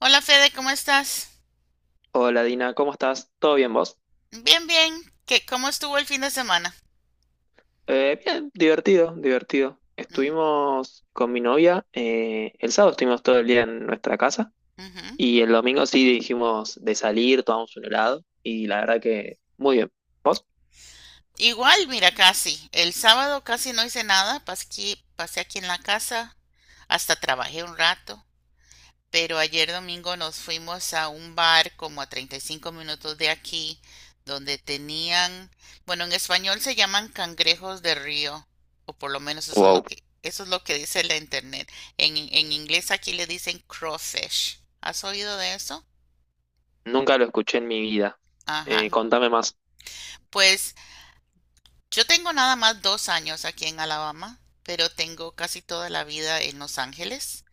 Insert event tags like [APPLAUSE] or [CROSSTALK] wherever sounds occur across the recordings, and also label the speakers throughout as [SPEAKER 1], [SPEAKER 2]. [SPEAKER 1] Hola Fede, ¿cómo estás?
[SPEAKER 2] Hola Dina, ¿cómo estás? ¿Todo bien vos?
[SPEAKER 1] Bien, bien. ¿Qué, cómo estuvo el fin de semana?
[SPEAKER 2] Bien, divertido, divertido.
[SPEAKER 1] Mm,
[SPEAKER 2] Estuvimos con mi novia, el sábado estuvimos todo el día en nuestra casa
[SPEAKER 1] ujú.
[SPEAKER 2] y el domingo sí dijimos de salir, tomamos un helado y la verdad que muy bien. ¿Vos?
[SPEAKER 1] Igual, mira, casi. El sábado casi no hice nada, pasé aquí en la casa, hasta trabajé un rato, pero ayer domingo nos fuimos a un bar como a 35 minutos de aquí, donde tenían, bueno, en español se llaman cangrejos de río, o por lo menos eso es lo
[SPEAKER 2] Wow,
[SPEAKER 1] que, eso es lo que dice la internet. En inglés aquí le dicen crawfish. ¿Has oído de eso?
[SPEAKER 2] nunca lo escuché en mi vida.
[SPEAKER 1] Ajá.
[SPEAKER 2] Contame más.
[SPEAKER 1] Pues yo tengo nada más dos años aquí en Alabama, pero tengo casi toda la vida en Los Ángeles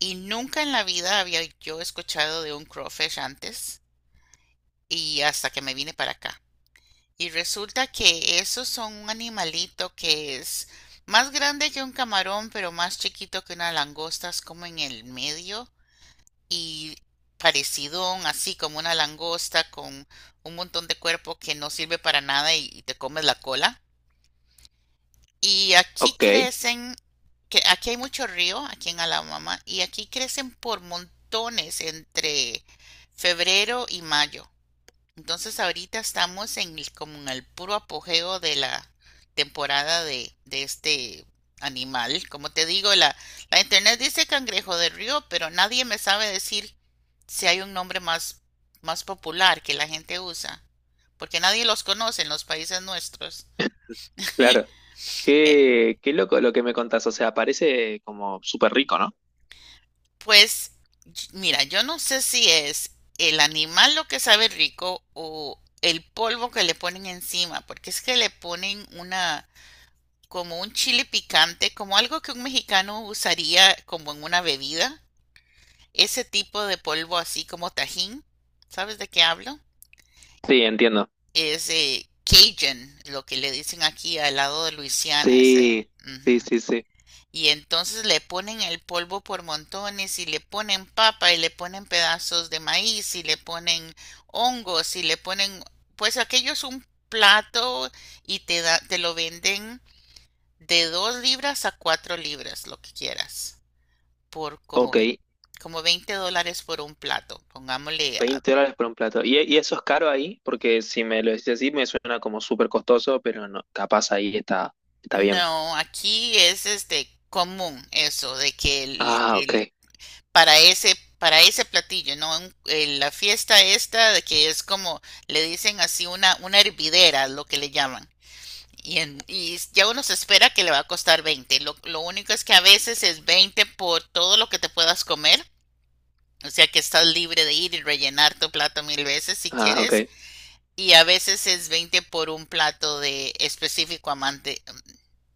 [SPEAKER 1] y nunca en la vida había yo escuchado de un crawfish antes y hasta que me vine para acá. Y resulta que esos son un animalito que es más grande que un camarón, pero más chiquito que una langosta, es como en el medio y parecidón, así como una langosta con un montón de cuerpo que no sirve para nada y te comes la cola. Y aquí
[SPEAKER 2] Ok,
[SPEAKER 1] crecen, que aquí hay mucho río, aquí en Alabama, y aquí crecen por montones entre febrero y mayo. Entonces ahorita estamos en como en el puro apogeo de la temporada de este animal. Como te digo, la internet dice cangrejo de río, pero nadie me sabe decir si hay un nombre más popular que la gente usa, porque nadie los conoce en los países nuestros.
[SPEAKER 2] claro.
[SPEAKER 1] E-
[SPEAKER 2] Qué loco lo que me contás, o sea, parece como súper rico, ¿no?
[SPEAKER 1] Pues mira, yo no sé si es el animal lo que sabe rico o el polvo que le ponen encima, porque es que le ponen una, como un chile picante, como algo que un mexicano usaría como en una bebida, ese tipo de polvo así como tajín, ¿sabes de qué hablo?
[SPEAKER 2] Sí, entiendo.
[SPEAKER 1] Es Cajun, lo que le dicen aquí al lado de Luisiana, ese,
[SPEAKER 2] Sí, sí,
[SPEAKER 1] ujú.
[SPEAKER 2] sí, sí.
[SPEAKER 1] Y entonces le ponen el polvo por montones y le ponen papa y le ponen pedazos de maíz y le ponen hongos y le ponen, pues aquello es un plato y te lo venden de 2 libras a 4 libras, lo que quieras, por como
[SPEAKER 2] Ok.
[SPEAKER 1] ve, como $20 por un plato, pongámosle.
[SPEAKER 2] 20 dólares por un plato. ¿Y eso es caro ahí? Porque si me lo decís así, me suena como súper costoso, pero no, capaz ahí está, está bien.
[SPEAKER 1] No, aquí es este común eso de que
[SPEAKER 2] Ah,
[SPEAKER 1] el
[SPEAKER 2] ok.
[SPEAKER 1] para para ese platillo, ¿no?, en la fiesta esta de que es como, le dicen así una hervidera, lo que le llaman. Y ya uno se espera que le va a costar 20. Lo único es que a veces es 20 por todo lo que te puedas comer. O sea que estás libre de ir y rellenar tu plato 1000 veces si
[SPEAKER 2] Ah,
[SPEAKER 1] quieres.
[SPEAKER 2] ok.
[SPEAKER 1] Y a veces es 20 por un plato de específico amante,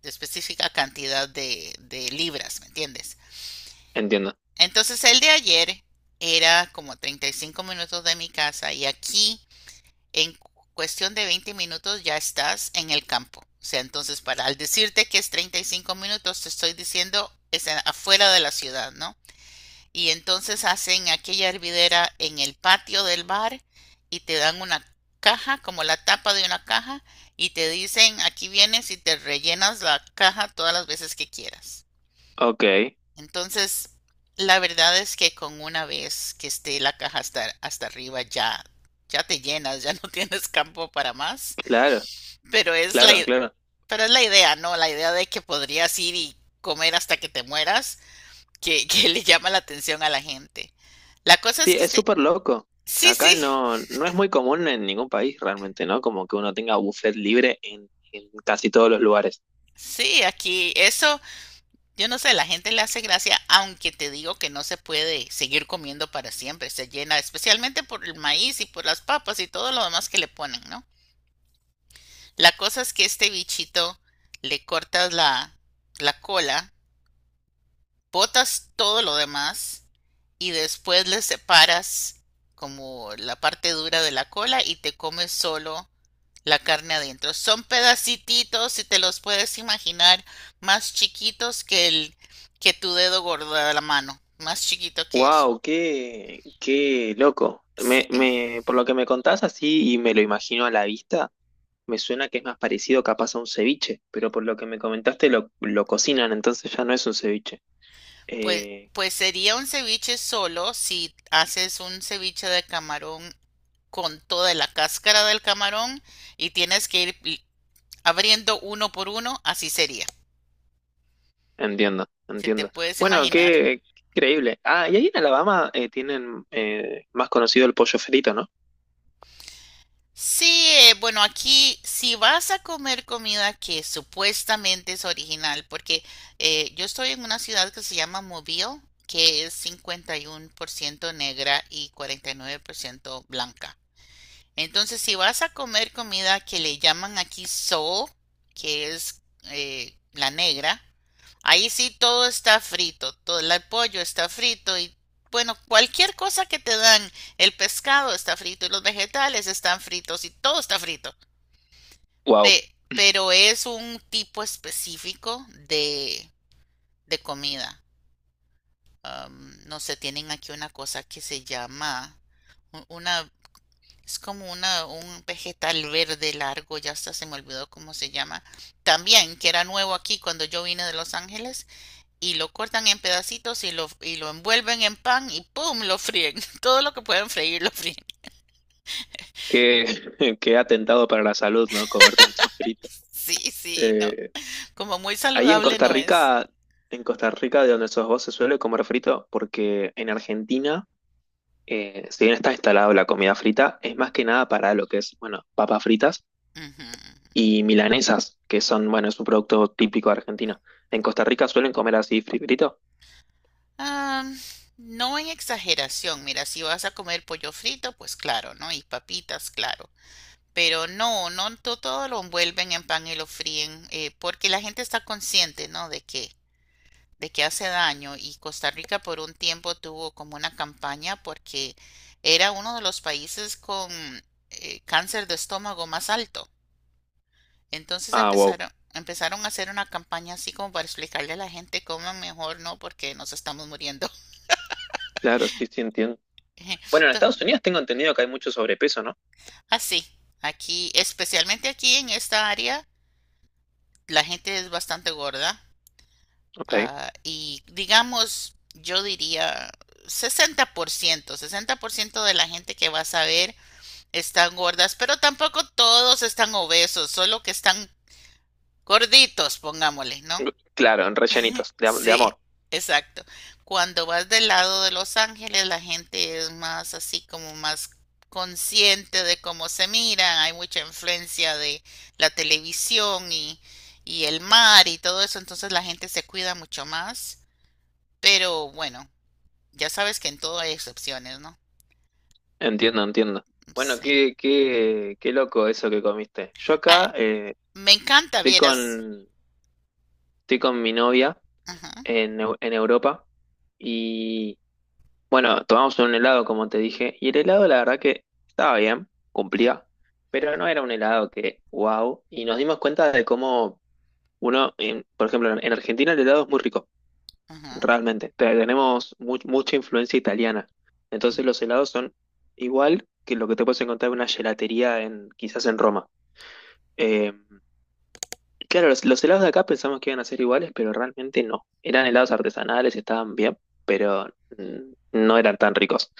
[SPEAKER 1] de específica cantidad de libras, ¿me entiendes?
[SPEAKER 2] Entiendo.
[SPEAKER 1] Entonces el de ayer era como 35 minutos de mi casa y aquí en cuestión de 20 minutos ya estás en el campo. O sea, entonces para al decirte que es 35 minutos te estoy diciendo es afuera de la ciudad, ¿no? Y entonces hacen aquella hervidera en el patio del bar y te dan una caja, como la tapa de una caja, y te dicen, aquí vienes y te rellenas la caja todas las veces que quieras.
[SPEAKER 2] Ok.
[SPEAKER 1] Entonces, la verdad es que con una vez que esté la caja hasta arriba ya, ya te llenas, ya [LAUGHS] no tienes campo para más.
[SPEAKER 2] Claro,
[SPEAKER 1] Pero es la,
[SPEAKER 2] claro,
[SPEAKER 1] i-
[SPEAKER 2] claro.
[SPEAKER 1] pero es la idea, ¿no? La idea de que podrías ir y comer hasta que te mueras, [LAUGHS] que le llama la atención a la gente. La cosa
[SPEAKER 2] Sí,
[SPEAKER 1] es que
[SPEAKER 2] es súper loco.
[SPEAKER 1] sí,
[SPEAKER 2] Acá
[SPEAKER 1] sí,
[SPEAKER 2] no, no es muy común en ningún país realmente, ¿no? Como que uno tenga buffet libre en casi todos los lugares.
[SPEAKER 1] sí, aquí eso, yo no sé, la gente le hace gracia, aunque te digo que no se puede seguir comiendo para siempre, se llena, especialmente por el maíz y por las papas y todo lo demás que le ponen, ¿no? La cosa es que este bichito le cortas la cola, botas todo lo demás y después le separas como la parte dura de la cola y te comes solo la carne adentro. Son pedacititos, si te los puedes imaginar, más chiquitos que el que tu dedo gordo de la mano, más chiquito que eso.
[SPEAKER 2] Wow, qué, qué loco.
[SPEAKER 1] Sí.
[SPEAKER 2] Por lo que me contás así y me lo imagino a la vista. Me suena que es más parecido capaz a un ceviche, pero por lo que me comentaste lo cocinan, entonces ya no es un ceviche.
[SPEAKER 1] Pues,
[SPEAKER 2] Eh,
[SPEAKER 1] pues sería un ceviche solo si haces un ceviche de camarón con toda la cáscara del camarón y tienes que ir abriendo uno por uno, así sería,
[SPEAKER 2] Entiendo,
[SPEAKER 1] si te
[SPEAKER 2] entiendo.
[SPEAKER 1] puedes
[SPEAKER 2] Bueno,
[SPEAKER 1] imaginar.
[SPEAKER 2] qué, qué increíble. Ah, y ahí en Alabama tienen más conocido el pollo frito, ¿no?
[SPEAKER 1] Sí, bueno, aquí si vas a comer comida que supuestamente es original, porque yo estoy en una ciudad que se llama Mobile, que es 51% negra y 49% blanca. Entonces, si vas a comer comida que le llaman aquí soul, que es la negra, ahí sí todo está frito, todo el pollo está frito y bueno, cualquier cosa que te dan, el pescado está frito y los vegetales están fritos y todo está frito.
[SPEAKER 2] Wow,
[SPEAKER 1] Pero es un tipo específico de comida. Am, no sé, tienen aquí una cosa que se llama una, es como un vegetal verde largo, ya hasta se me olvidó cómo se llama. También, que era nuevo aquí cuando yo vine de Los Ángeles, y lo cortan en pedacitos y lo envuelven en pan y ¡pum!, lo fríen. [LAUGHS] Todo lo que pueden freír lo fríen. [LAUGHS]
[SPEAKER 2] qué, [LAUGHS] qué atentado para la salud, ¿no? Comer tanto frito.
[SPEAKER 1] Sí, sí, no.
[SPEAKER 2] Eh,
[SPEAKER 1] Como muy
[SPEAKER 2] Ahí
[SPEAKER 1] saludable no es.
[SPEAKER 2] En Costa Rica, de donde sos vos, se suele comer frito, porque en Argentina, si bien está instalado la comida frita, es más que nada para lo que es, bueno, papas fritas
[SPEAKER 1] Ujú.
[SPEAKER 2] y milanesas, que son, bueno, es un producto típico de Argentina. ¿En Costa Rica suelen comer así frito?
[SPEAKER 1] Ah, no en exageración. Mira, si vas a comer pollo frito, pues claro, ¿no? Y papitas, claro. Pero no, todo lo envuelven en pan y lo fríen, porque la gente está consciente, ¿no? De que hace daño y Costa Rica por un tiempo tuvo como una campaña porque era uno de los países con cáncer de estómago más alto. Entonces
[SPEAKER 2] Ah, wow.
[SPEAKER 1] empezaron a hacer una campaña así como para explicarle a la gente cómo mejor no porque nos estamos muriendo.
[SPEAKER 2] Claro, sí, sí, entiendo.
[SPEAKER 1] [LAUGHS]
[SPEAKER 2] Bueno, en
[SPEAKER 1] Entonces,
[SPEAKER 2] Estados Unidos tengo entendido que hay mucho sobrepeso, ¿no?
[SPEAKER 1] así, aquí, especialmente aquí en esta área, la gente es bastante gorda
[SPEAKER 2] Ok.
[SPEAKER 1] y digamos, yo diría sesenta por ciento, 60% de la gente que vas a ver están gordas, pero tampoco todos están obesos, solo que están gorditos, pongámosle, ¿no?
[SPEAKER 2] Claro, en rellenitos, de, de amor.
[SPEAKER 1] Sí, exacto. Cuando vas del lado de Los Ángeles, la gente es más así como más consciente de cómo se miran, hay mucha influencia de la televisión y el mar y todo eso, entonces la gente se cuida mucho más, pero bueno, ya sabes que en todo hay excepciones, ¿no?
[SPEAKER 2] Entiendo, entiendo. Bueno,
[SPEAKER 1] Sí.
[SPEAKER 2] qué, qué, qué loco eso que comiste. Yo
[SPEAKER 1] Ah,
[SPEAKER 2] acá
[SPEAKER 1] me encanta,
[SPEAKER 2] estoy
[SPEAKER 1] vieras.
[SPEAKER 2] con, estoy con mi novia
[SPEAKER 1] Ajá,
[SPEAKER 2] en, en Europa y bueno, tomamos un helado, como te dije, y el helado la verdad que estaba bien, cumplía, pero no era un helado que, wow, y nos dimos cuenta de cómo uno, por ejemplo, en Argentina el helado es muy rico,
[SPEAKER 1] ajá,
[SPEAKER 2] realmente, tenemos mucha influencia italiana,
[SPEAKER 1] ajá.
[SPEAKER 2] entonces los helados son igual que lo que te puedes encontrar en una gelatería en, quizás en Roma. Eh, claro, los helados de acá pensamos que iban a ser iguales, pero realmente no, eran helados artesanales, estaban bien, pero mm, no eran tan ricos.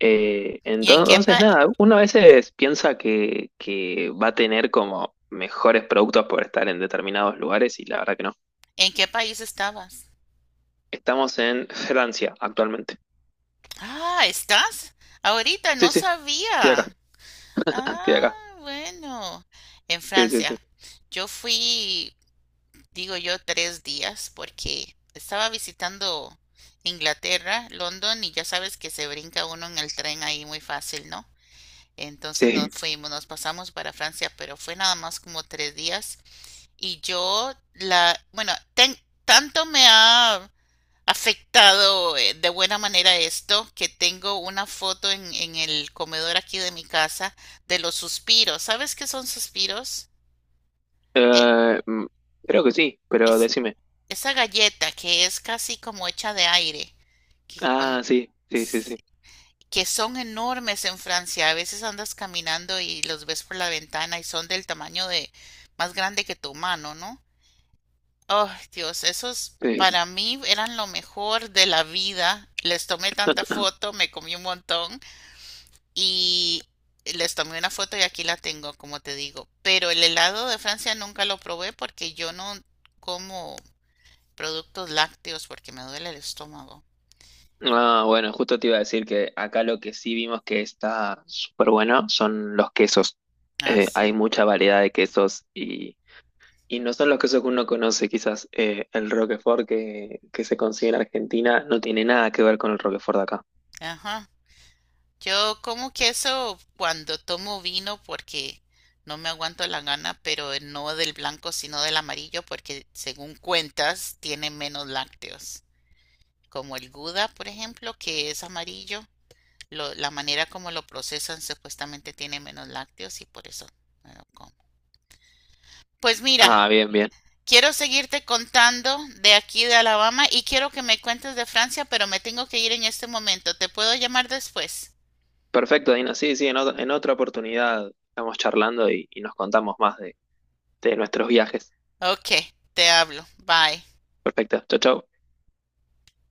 [SPEAKER 1] ¿Y en qué
[SPEAKER 2] Entonces, nada, uno a veces piensa que va a tener como mejores productos por estar en determinados lugares y la verdad que no.
[SPEAKER 1] en qué país estabas?
[SPEAKER 2] Estamos en Francia actualmente.
[SPEAKER 1] Ah, ¿estás? Ahorita
[SPEAKER 2] Sí,
[SPEAKER 1] no
[SPEAKER 2] sí, estoy acá,
[SPEAKER 1] sabía.
[SPEAKER 2] [LAUGHS] estoy acá.
[SPEAKER 1] Ah, bueno, en
[SPEAKER 2] Sí, sí,
[SPEAKER 1] Francia.
[SPEAKER 2] sí.
[SPEAKER 1] Yo fui, digo yo, 3 días porque estaba visitando Inglaterra, London, y ya sabes que se brinca uno en el tren ahí muy fácil, ¿no? Entonces nos
[SPEAKER 2] Sí.
[SPEAKER 1] fuimos, nos pasamos para Francia, pero fue nada más como 3 días. Y yo, bueno, tanto me ha afectado de buena manera esto, que tengo una foto en el comedor aquí de mi casa de los suspiros. ¿Sabes qué son suspiros? Eh,
[SPEAKER 2] Eh, mm, Creo que sí, pero
[SPEAKER 1] es,
[SPEAKER 2] decime.
[SPEAKER 1] esa galleta que es casi como hecha de aire, que, cuan-
[SPEAKER 2] Ah, sí, sí, sí, sí.
[SPEAKER 1] s- que son enormes en Francia. A veces andas caminando y los ves por la ventana y son del tamaño de más grande que tu mano, ¿no? Oh, Dios, esos
[SPEAKER 2] Sí.
[SPEAKER 1] para mí eran lo mejor de la vida. Les tomé tanta foto, me comí un montón. Y les tomé una foto y aquí la tengo, como te digo. Pero el helado de Francia nunca lo probé porque yo no como productos lácteos porque me duele el estómago.
[SPEAKER 2] Ah, bueno, justo te iba a decir que acá lo que sí vimos que está súper bueno son los quesos.
[SPEAKER 1] Ah,
[SPEAKER 2] Hay
[SPEAKER 1] sí.
[SPEAKER 2] mucha variedad de quesos y Y no son los casos que uno conoce, quizás el Roquefort que se consigue en Argentina no tiene nada que ver con el Roquefort de acá.
[SPEAKER 1] Ajá. Yo como queso cuando tomo vino porque no me aguanto la gana, pero no del blanco sino del amarillo porque según cuentas tiene menos lácteos. Como el Gouda, por ejemplo, que es amarillo. Lo- la manera como lo procesan supuestamente tiene menos lácteos y por eso me lo como. Pues mira,
[SPEAKER 2] Ah, bien, bien.
[SPEAKER 1] quiero seguirte contando de aquí de Alabama y quiero que me cuentes de Francia, pero me tengo que ir en este momento. ¿Te puedo llamar después?
[SPEAKER 2] Perfecto, Dina. Sí, sí, en, en otra oportunidad estamos charlando y nos contamos más de nuestros viajes.
[SPEAKER 1] Ok, te hablo. Bye.
[SPEAKER 2] Perfecto. Chau, chau.